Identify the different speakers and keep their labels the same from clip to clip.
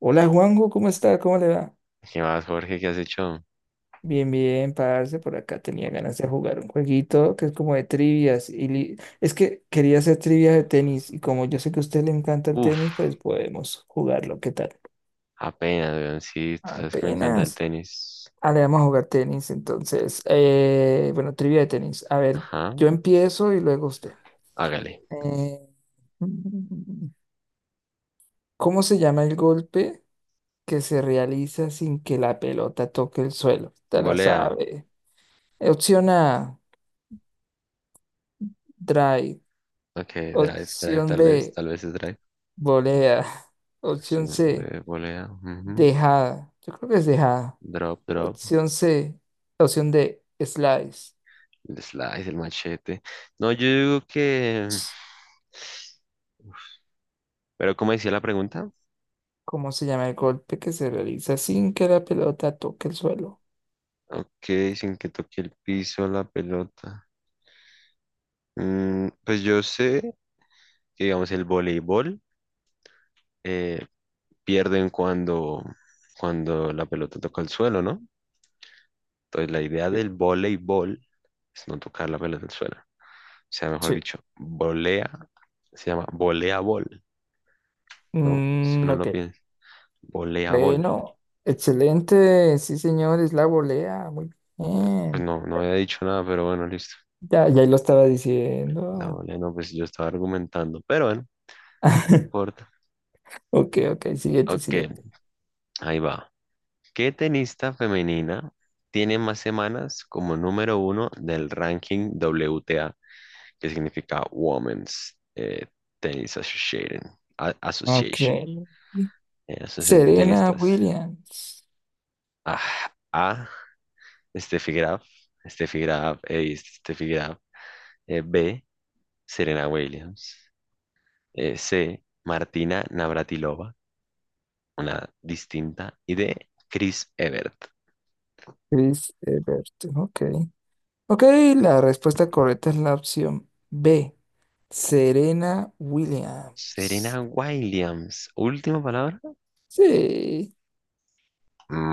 Speaker 1: Hola Juanjo, ¿cómo está? ¿Cómo le va?
Speaker 2: ¿Qué más, Jorge? ¿Qué has hecho?
Speaker 1: Bien, bien, parce, por acá tenía ganas de jugar un jueguito que es como de trivias. Es que quería hacer trivias de
Speaker 2: Ajá.
Speaker 1: tenis y como yo sé que a usted le encanta el
Speaker 2: Uf,
Speaker 1: tenis, pues podemos jugarlo, ¿qué tal?
Speaker 2: apenas, weón. Sí, tú sabes que me encanta el
Speaker 1: Apenas.
Speaker 2: tenis.
Speaker 1: Ah, le vamos a jugar tenis, entonces. Bueno, trivia de tenis. A ver,
Speaker 2: Ajá,
Speaker 1: yo empiezo y luego usted.
Speaker 2: hágale.
Speaker 1: Eh, mm, ¿cómo se llama el golpe que se realiza sin que la pelota toque el suelo? Te la
Speaker 2: Volea.
Speaker 1: sabe. Opción A. Drive.
Speaker 2: Ok, drive, drive,
Speaker 1: Opción
Speaker 2: tal vez.
Speaker 1: B,
Speaker 2: Tal vez es drive.
Speaker 1: volea.
Speaker 2: Sí,
Speaker 1: Opción C,
Speaker 2: volea. Ujú.
Speaker 1: dejada. Yo creo que es dejada.
Speaker 2: Drop, drop.
Speaker 1: Opción C, Opción D, slice.
Speaker 2: El slice, el machete. No, yo digo que. Pero, ¿cómo decía la pregunta?
Speaker 1: ¿Cómo se llama el golpe que se realiza sin que la pelota toque el suelo?
Speaker 2: Ok, sin que toque el piso la pelota. Pues yo sé que, digamos, el voleibol. eh, Pierden cuando la pelota toca el suelo, ¿no? Entonces la idea
Speaker 1: Sí.
Speaker 2: del voleibol es no tocar la pelota al suelo. O sea, mejor
Speaker 1: Sí.
Speaker 2: dicho, volea, se llama voleabol, ¿no? Si
Speaker 1: Mm,
Speaker 2: uno
Speaker 1: ok.
Speaker 2: lo piensa, voleabol.
Speaker 1: Bueno, excelente. Sí, señor, es la volea. Muy
Speaker 2: Pues
Speaker 1: bien.
Speaker 2: no, no había dicho nada, pero bueno, listo.
Speaker 1: Ya lo estaba
Speaker 2: La
Speaker 1: diciendo.
Speaker 2: volea, no, pues yo estaba argumentando, pero bueno, no importa.
Speaker 1: Ok, ok, siguiente,
Speaker 2: Ok,
Speaker 1: siguiente.
Speaker 2: ahí va. ¿Qué tenista femenina tiene más semanas como número uno del ranking WTA? Que significa Women's Tennis Association,
Speaker 1: Ok.
Speaker 2: Association, Asociación de
Speaker 1: Serena
Speaker 2: Tenistas.
Speaker 1: Williams.
Speaker 2: Ah, A, Steffi Graf, Steffi Graf, Steffi Graf. B, Serena Williams. C, Martina Navratilova, una distinta. Y D, Chris Evert.
Speaker 1: Chris Evert. Ok. Ok, la respuesta correcta es la opción B. Serena Williams.
Speaker 2: Serena Williams, última palabra.
Speaker 1: Sí.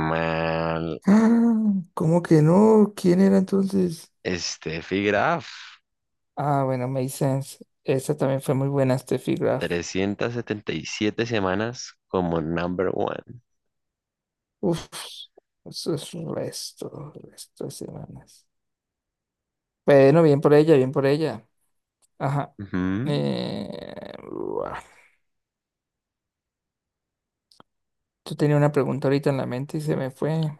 Speaker 2: Mal.
Speaker 1: Ah, ¿cómo que no? ¿Quién era entonces?
Speaker 2: Steffi Graf,
Speaker 1: Ah, bueno, makes sense. Esa también fue muy buena, Steffi Graf.
Speaker 2: 377 semanas como number one.
Speaker 1: Uf, eso es resto, resto de semanas. Bueno, bien por ella, bien por ella. Ajá.
Speaker 2: Ujú.
Speaker 1: Buah. Yo tenía una pregunta ahorita en la mente y se me fue.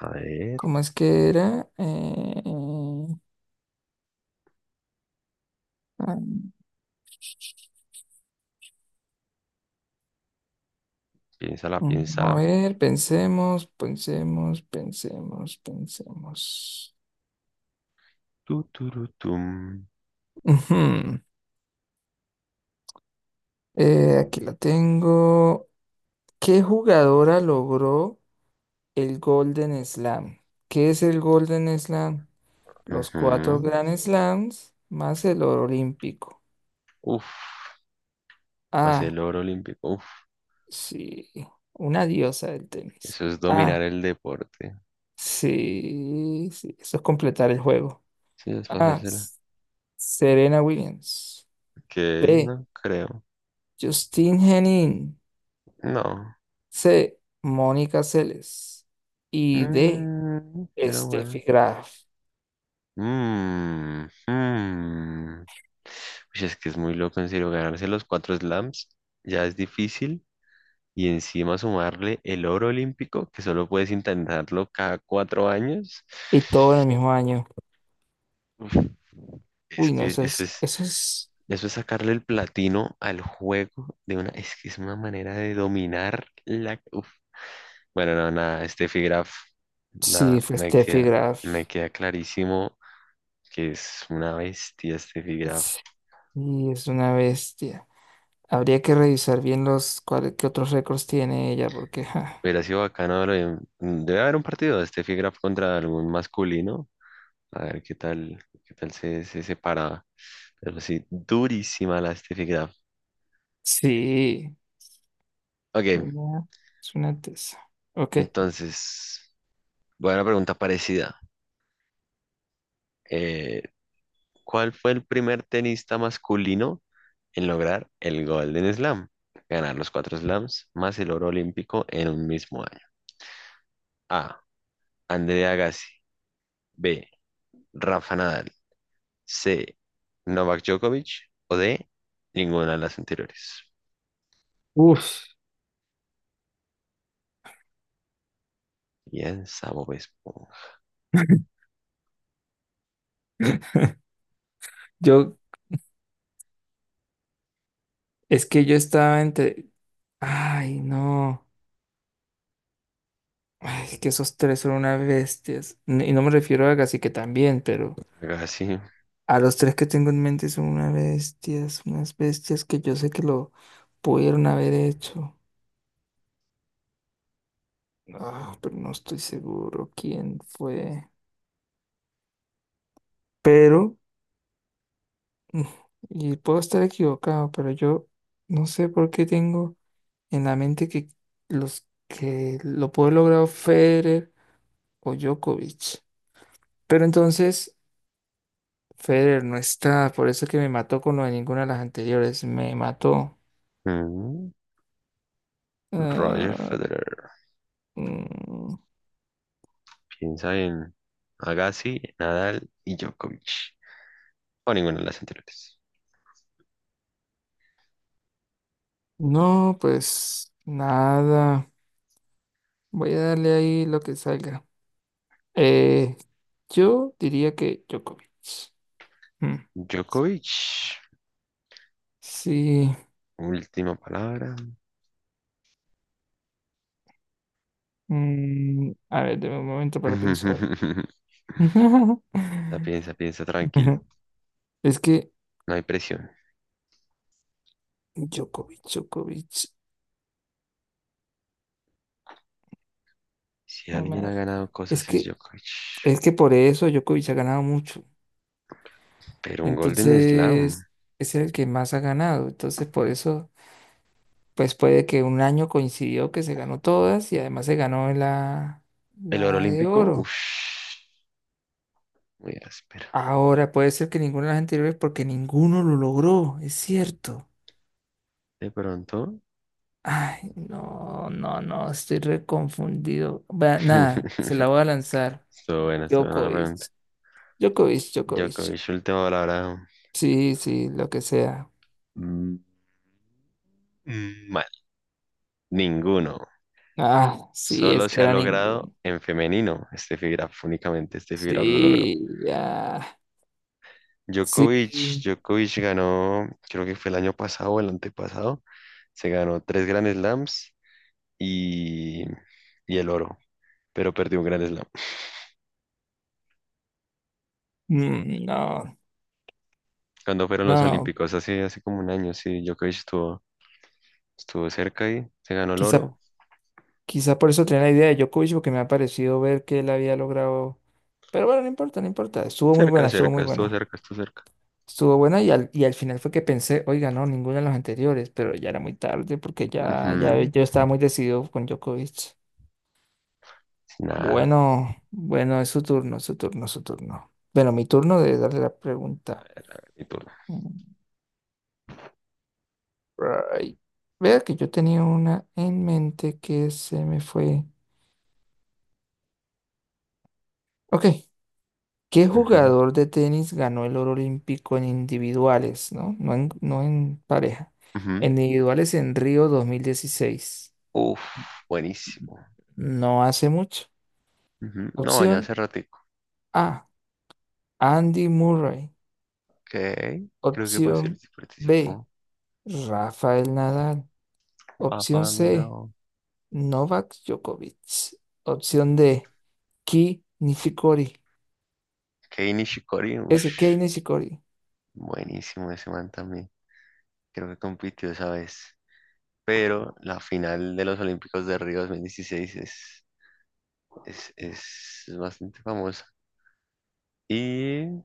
Speaker 2: A ver,
Speaker 1: ¿Cómo es que era? Ah,
Speaker 2: piénsala,
Speaker 1: a
Speaker 2: piénsala.
Speaker 1: ver, pensemos, pensemos, pensemos, pensemos.
Speaker 2: Tu, turutum.
Speaker 1: Ujú. Aquí la tengo. ¿Qué jugadora logró el Golden Slam? ¿Qué es el Golden Slam? Los cuatro
Speaker 2: Ujú.
Speaker 1: Grand Slams más el oro olímpico.
Speaker 2: Uf, hacer
Speaker 1: A.
Speaker 2: el oro olímpico. Uf,
Speaker 1: Sí, una diosa del tenis.
Speaker 2: eso es dominar
Speaker 1: Ah,
Speaker 2: el deporte.
Speaker 1: sí, sí, eso es completar el juego.
Speaker 2: Sí, es
Speaker 1: A,
Speaker 2: pasársela.
Speaker 1: S- Serena Williams.
Speaker 2: Ok,
Speaker 1: B,
Speaker 2: no creo.
Speaker 1: Justine Henin.
Speaker 2: No.
Speaker 1: C, Mónica Seles. Y D,
Speaker 2: Pero
Speaker 1: Steffi
Speaker 2: bueno.
Speaker 1: Graf.
Speaker 2: Mm, mm. Uy, es que es muy loco, en serio, ganarse los cuatro slams ya es difícil. Y encima sumarle el oro olímpico, que solo puedes intentarlo cada cuatro años.
Speaker 1: Y todo en el mismo año.
Speaker 2: Uf, es
Speaker 1: Uy, no,
Speaker 2: que eso es,
Speaker 1: eso es,
Speaker 2: eso es sacarle el platino al juego de una, es que es una manera de dominar la, uf. Bueno, no, nada, Steffi Graf,
Speaker 1: sí,
Speaker 2: nada,
Speaker 1: fue
Speaker 2: me
Speaker 1: Steffi
Speaker 2: queda,
Speaker 1: Graf.
Speaker 2: me queda clarísimo que es una bestia Steffi Graf.
Speaker 1: Es- Y es una bestia. Habría que revisar bien los, cuáles, qué otros récords tiene ella, porque, ja,
Speaker 2: Hubiera sido bacano, debe haber un partido de este Graf contra algún masculino, a ver qué tal se separa. Pero sí, durísima la Steffi Graf.
Speaker 1: sí.
Speaker 2: Ok,
Speaker 1: Una, es una tesa. Ok.
Speaker 2: entonces, voy a una pregunta parecida. eh, ¿Cuál fue el primer tenista masculino en lograr el Golden Slam? Ganar los cuatro slams más el oro olímpico en un mismo año. A. Andrea Agassi. B. Rafa Nadal. C. Novak Djokovic. O D. Ninguna de las anteriores.
Speaker 1: Uf.
Speaker 2: Piensa Bob Esponja.
Speaker 1: Yo, es que yo estaba entre. Ay, no. Ay, es que esos tres son unas bestias. Y no me refiero a Gassi que también, pero
Speaker 2: Agassi.
Speaker 1: a los tres que tengo en mente son unas bestias que yo sé que lo pudieron haber hecho. Ah, pero no estoy seguro quién fue. Pero, mm, y puedo estar equivocado, pero yo no sé por qué tengo. En la mente que los que lo puede lograr Federer o Djokovic. Pero entonces Federer no está, por eso es que me mató con lo de ninguna de las anteriores, me mató.
Speaker 2: mm, Roger
Speaker 1: Ah,
Speaker 2: Federer.
Speaker 1: mm,
Speaker 2: Piensa en Agassi, Nadal y Djokovic. O ninguna de las anteriores.
Speaker 1: no, pues nada, voy a darle ahí lo que salga. Eh, yo diría que Djokovic. Mm,
Speaker 2: Djokovic.
Speaker 1: sí,
Speaker 2: Última palabra.
Speaker 1: a ver, deme un momento para pensar.
Speaker 2: Piensa, piensa, piensa tranquilo.
Speaker 1: Es que
Speaker 2: No hay presión.
Speaker 1: Djokovic, Djokovic.
Speaker 2: Si alguien
Speaker 1: ma-
Speaker 2: ha ganado
Speaker 1: Es
Speaker 2: cosas es
Speaker 1: que,
Speaker 2: Djokovic.
Speaker 1: es que por eso Djokovic ha ganado mucho.
Speaker 2: Pero un Golden Slam.
Speaker 1: Entonces, es el que más ha ganado. Entonces, por eso, pues puede que un año coincidió que se ganó todas y además se ganó la,
Speaker 2: El oro
Speaker 1: la de
Speaker 2: olímpico,
Speaker 1: oro.
Speaker 2: uff, muy áspero.
Speaker 1: Ahora puede ser que ninguna de las anteriores porque ninguno lo logró, es cierto.
Speaker 2: De pronto.
Speaker 1: Ay, no, no, no, estoy reconfundido. Va, nada, se la voy a lanzar.
Speaker 2: Estuvo buena la
Speaker 1: Djokovic,
Speaker 2: pregunta.
Speaker 1: Djokovic, Djokovic.
Speaker 2: Djokovic, última palabra.
Speaker 1: Sí, sí, lo que sea.
Speaker 2: Mm, mm. Mal. Ninguno.
Speaker 1: Ah, sí,
Speaker 2: Solo
Speaker 1: es que
Speaker 2: se ha
Speaker 1: era ninguno.
Speaker 2: logrado en femenino. Este fibra únicamente este fibra lo logró.
Speaker 1: Sí, ya.
Speaker 2: Djokovic,
Speaker 1: Sí.
Speaker 2: Djokovic ganó, creo que fue el año pasado o el antepasado, se ganó tres Grand Slams y, y el oro, pero perdió un Grand Slam.
Speaker 1: Mm, no,
Speaker 2: Cuando fueron los
Speaker 1: no.
Speaker 2: Olímpicos, hace como un año, sí, Djokovic estuvo cerca y se ganó el
Speaker 1: Quizá,
Speaker 2: oro.
Speaker 1: quizá por eso tenía la idea de Djokovic, porque me ha parecido ver que él había logrado. Pero bueno, no importa, no importa. Estuvo muy buena,
Speaker 2: Cerca,
Speaker 1: estuvo
Speaker 2: cerca,
Speaker 1: muy
Speaker 2: estuvo
Speaker 1: buena.
Speaker 2: cerca, estuvo cerca.
Speaker 1: Estuvo buena y y al final fue que pensé, oiga, no, ninguna de las anteriores, pero ya era muy tarde porque ya
Speaker 2: Ujú.
Speaker 1: yo estaba muy decidido con Djokovic.
Speaker 2: Nada.
Speaker 1: Bueno, bueno, es su turno, su turno, su turno. Bueno, mi turno de darle la
Speaker 2: A
Speaker 1: pregunta.
Speaker 2: ver, mi turno.
Speaker 1: Mm, right. Vea que yo tenía una en mente que se me fue. Ok, ¿qué
Speaker 2: Ujú,
Speaker 1: jugador de tenis ganó el oro olímpico en individuales, no? No en pareja.
Speaker 2: ujú.
Speaker 1: En individuales en Río 2016.
Speaker 2: Uf, buenísimo.
Speaker 1: No hace mucho.
Speaker 2: Ujú. No, ya
Speaker 1: Opción
Speaker 2: hace ratico.
Speaker 1: A, Andy Murray.
Speaker 2: Ok, creo que
Speaker 1: Opción
Speaker 2: participó,
Speaker 1: B,
Speaker 2: participó.
Speaker 1: Rafael Nadal.
Speaker 2: Ah,
Speaker 1: Opción C. Novak Djokovic. Opción D, Ki Nishikori.
Speaker 2: Kei Nishikori,
Speaker 1: S. K.
Speaker 2: ush,
Speaker 1: Nishikori.
Speaker 2: buenísimo ese man también. Creo que compitió esa vez. Pero la final de los Olímpicos de Río 2016 es bastante famosa. Y,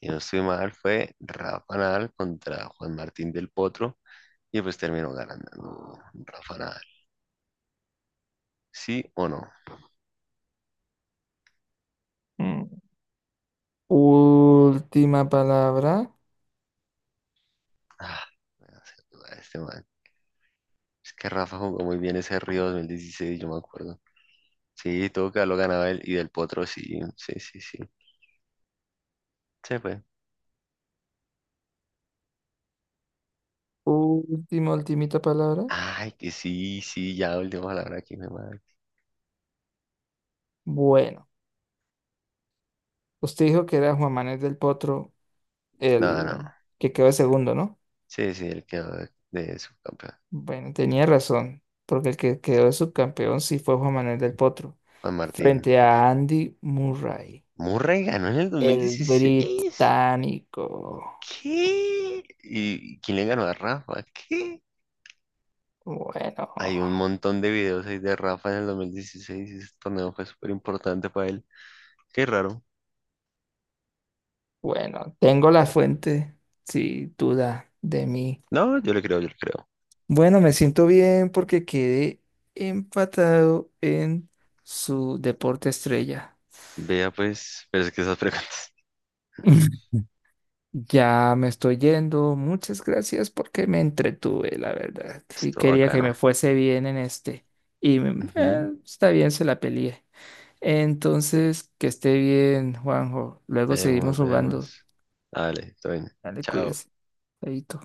Speaker 2: si no estoy mal, fue Rafa Nadal contra Juan Martín del Potro. Y pues terminó ganando, ¿no? Rafa Nadal. ¿Sí o no?
Speaker 1: Mm. Última palabra.
Speaker 2: Ah, me hace dudar este man. Es que Rafa jugó muy bien ese Río 2016, yo me acuerdo. Sí, todo que lo ganaba él y del Potro, sí, sí, sí, sí. Se fue.
Speaker 1: Última, ultimita palabra.
Speaker 2: Ay, que sí, sí, ya última palabra aquí, mi madre.
Speaker 1: Bueno, usted dijo que era Juan Manuel del Potro
Speaker 2: No, no.
Speaker 1: el que quedó de segundo, ¿no?
Speaker 2: Sí, sí, el que de subcampeón.
Speaker 1: Bueno, tenía razón, porque el que quedó de subcampeón sí fue Juan Manuel del Potro,
Speaker 2: Juan Martín.
Speaker 1: frente a Andy Murray,
Speaker 2: Murray ganó en el dos mil
Speaker 1: el
Speaker 2: dieciséis,
Speaker 1: británico.
Speaker 2: ¿Qué? ¿Y quién le ganó a Rafa? ¿Qué?
Speaker 1: Bueno.
Speaker 2: Hay un montón de videos ahí de Rafa en el 2016 y ese torneo fue súper importante para él. Qué raro.
Speaker 1: Bueno, tengo la fuente, sin duda, de mí.
Speaker 2: No, yo le creo, yo le creo.
Speaker 1: Bueno, me siento bien porque quedé empatado en su deporte estrella.
Speaker 2: Vea pues, pero es que esas preguntas.
Speaker 1: Ya me estoy yendo. Muchas gracias porque me entretuve, la verdad. Y
Speaker 2: Estuvo
Speaker 1: quería que
Speaker 2: bacano.
Speaker 1: me fuese bien en este.
Speaker 2: Ujú.
Speaker 1: Está bien, se la peleé. Entonces, que esté bien, Juanjo. Luego seguimos
Speaker 2: Vemos,
Speaker 1: jugando.
Speaker 2: vemos. Dale, todo bien.
Speaker 1: Dale,
Speaker 2: Chao.
Speaker 1: cuídese. Chaito.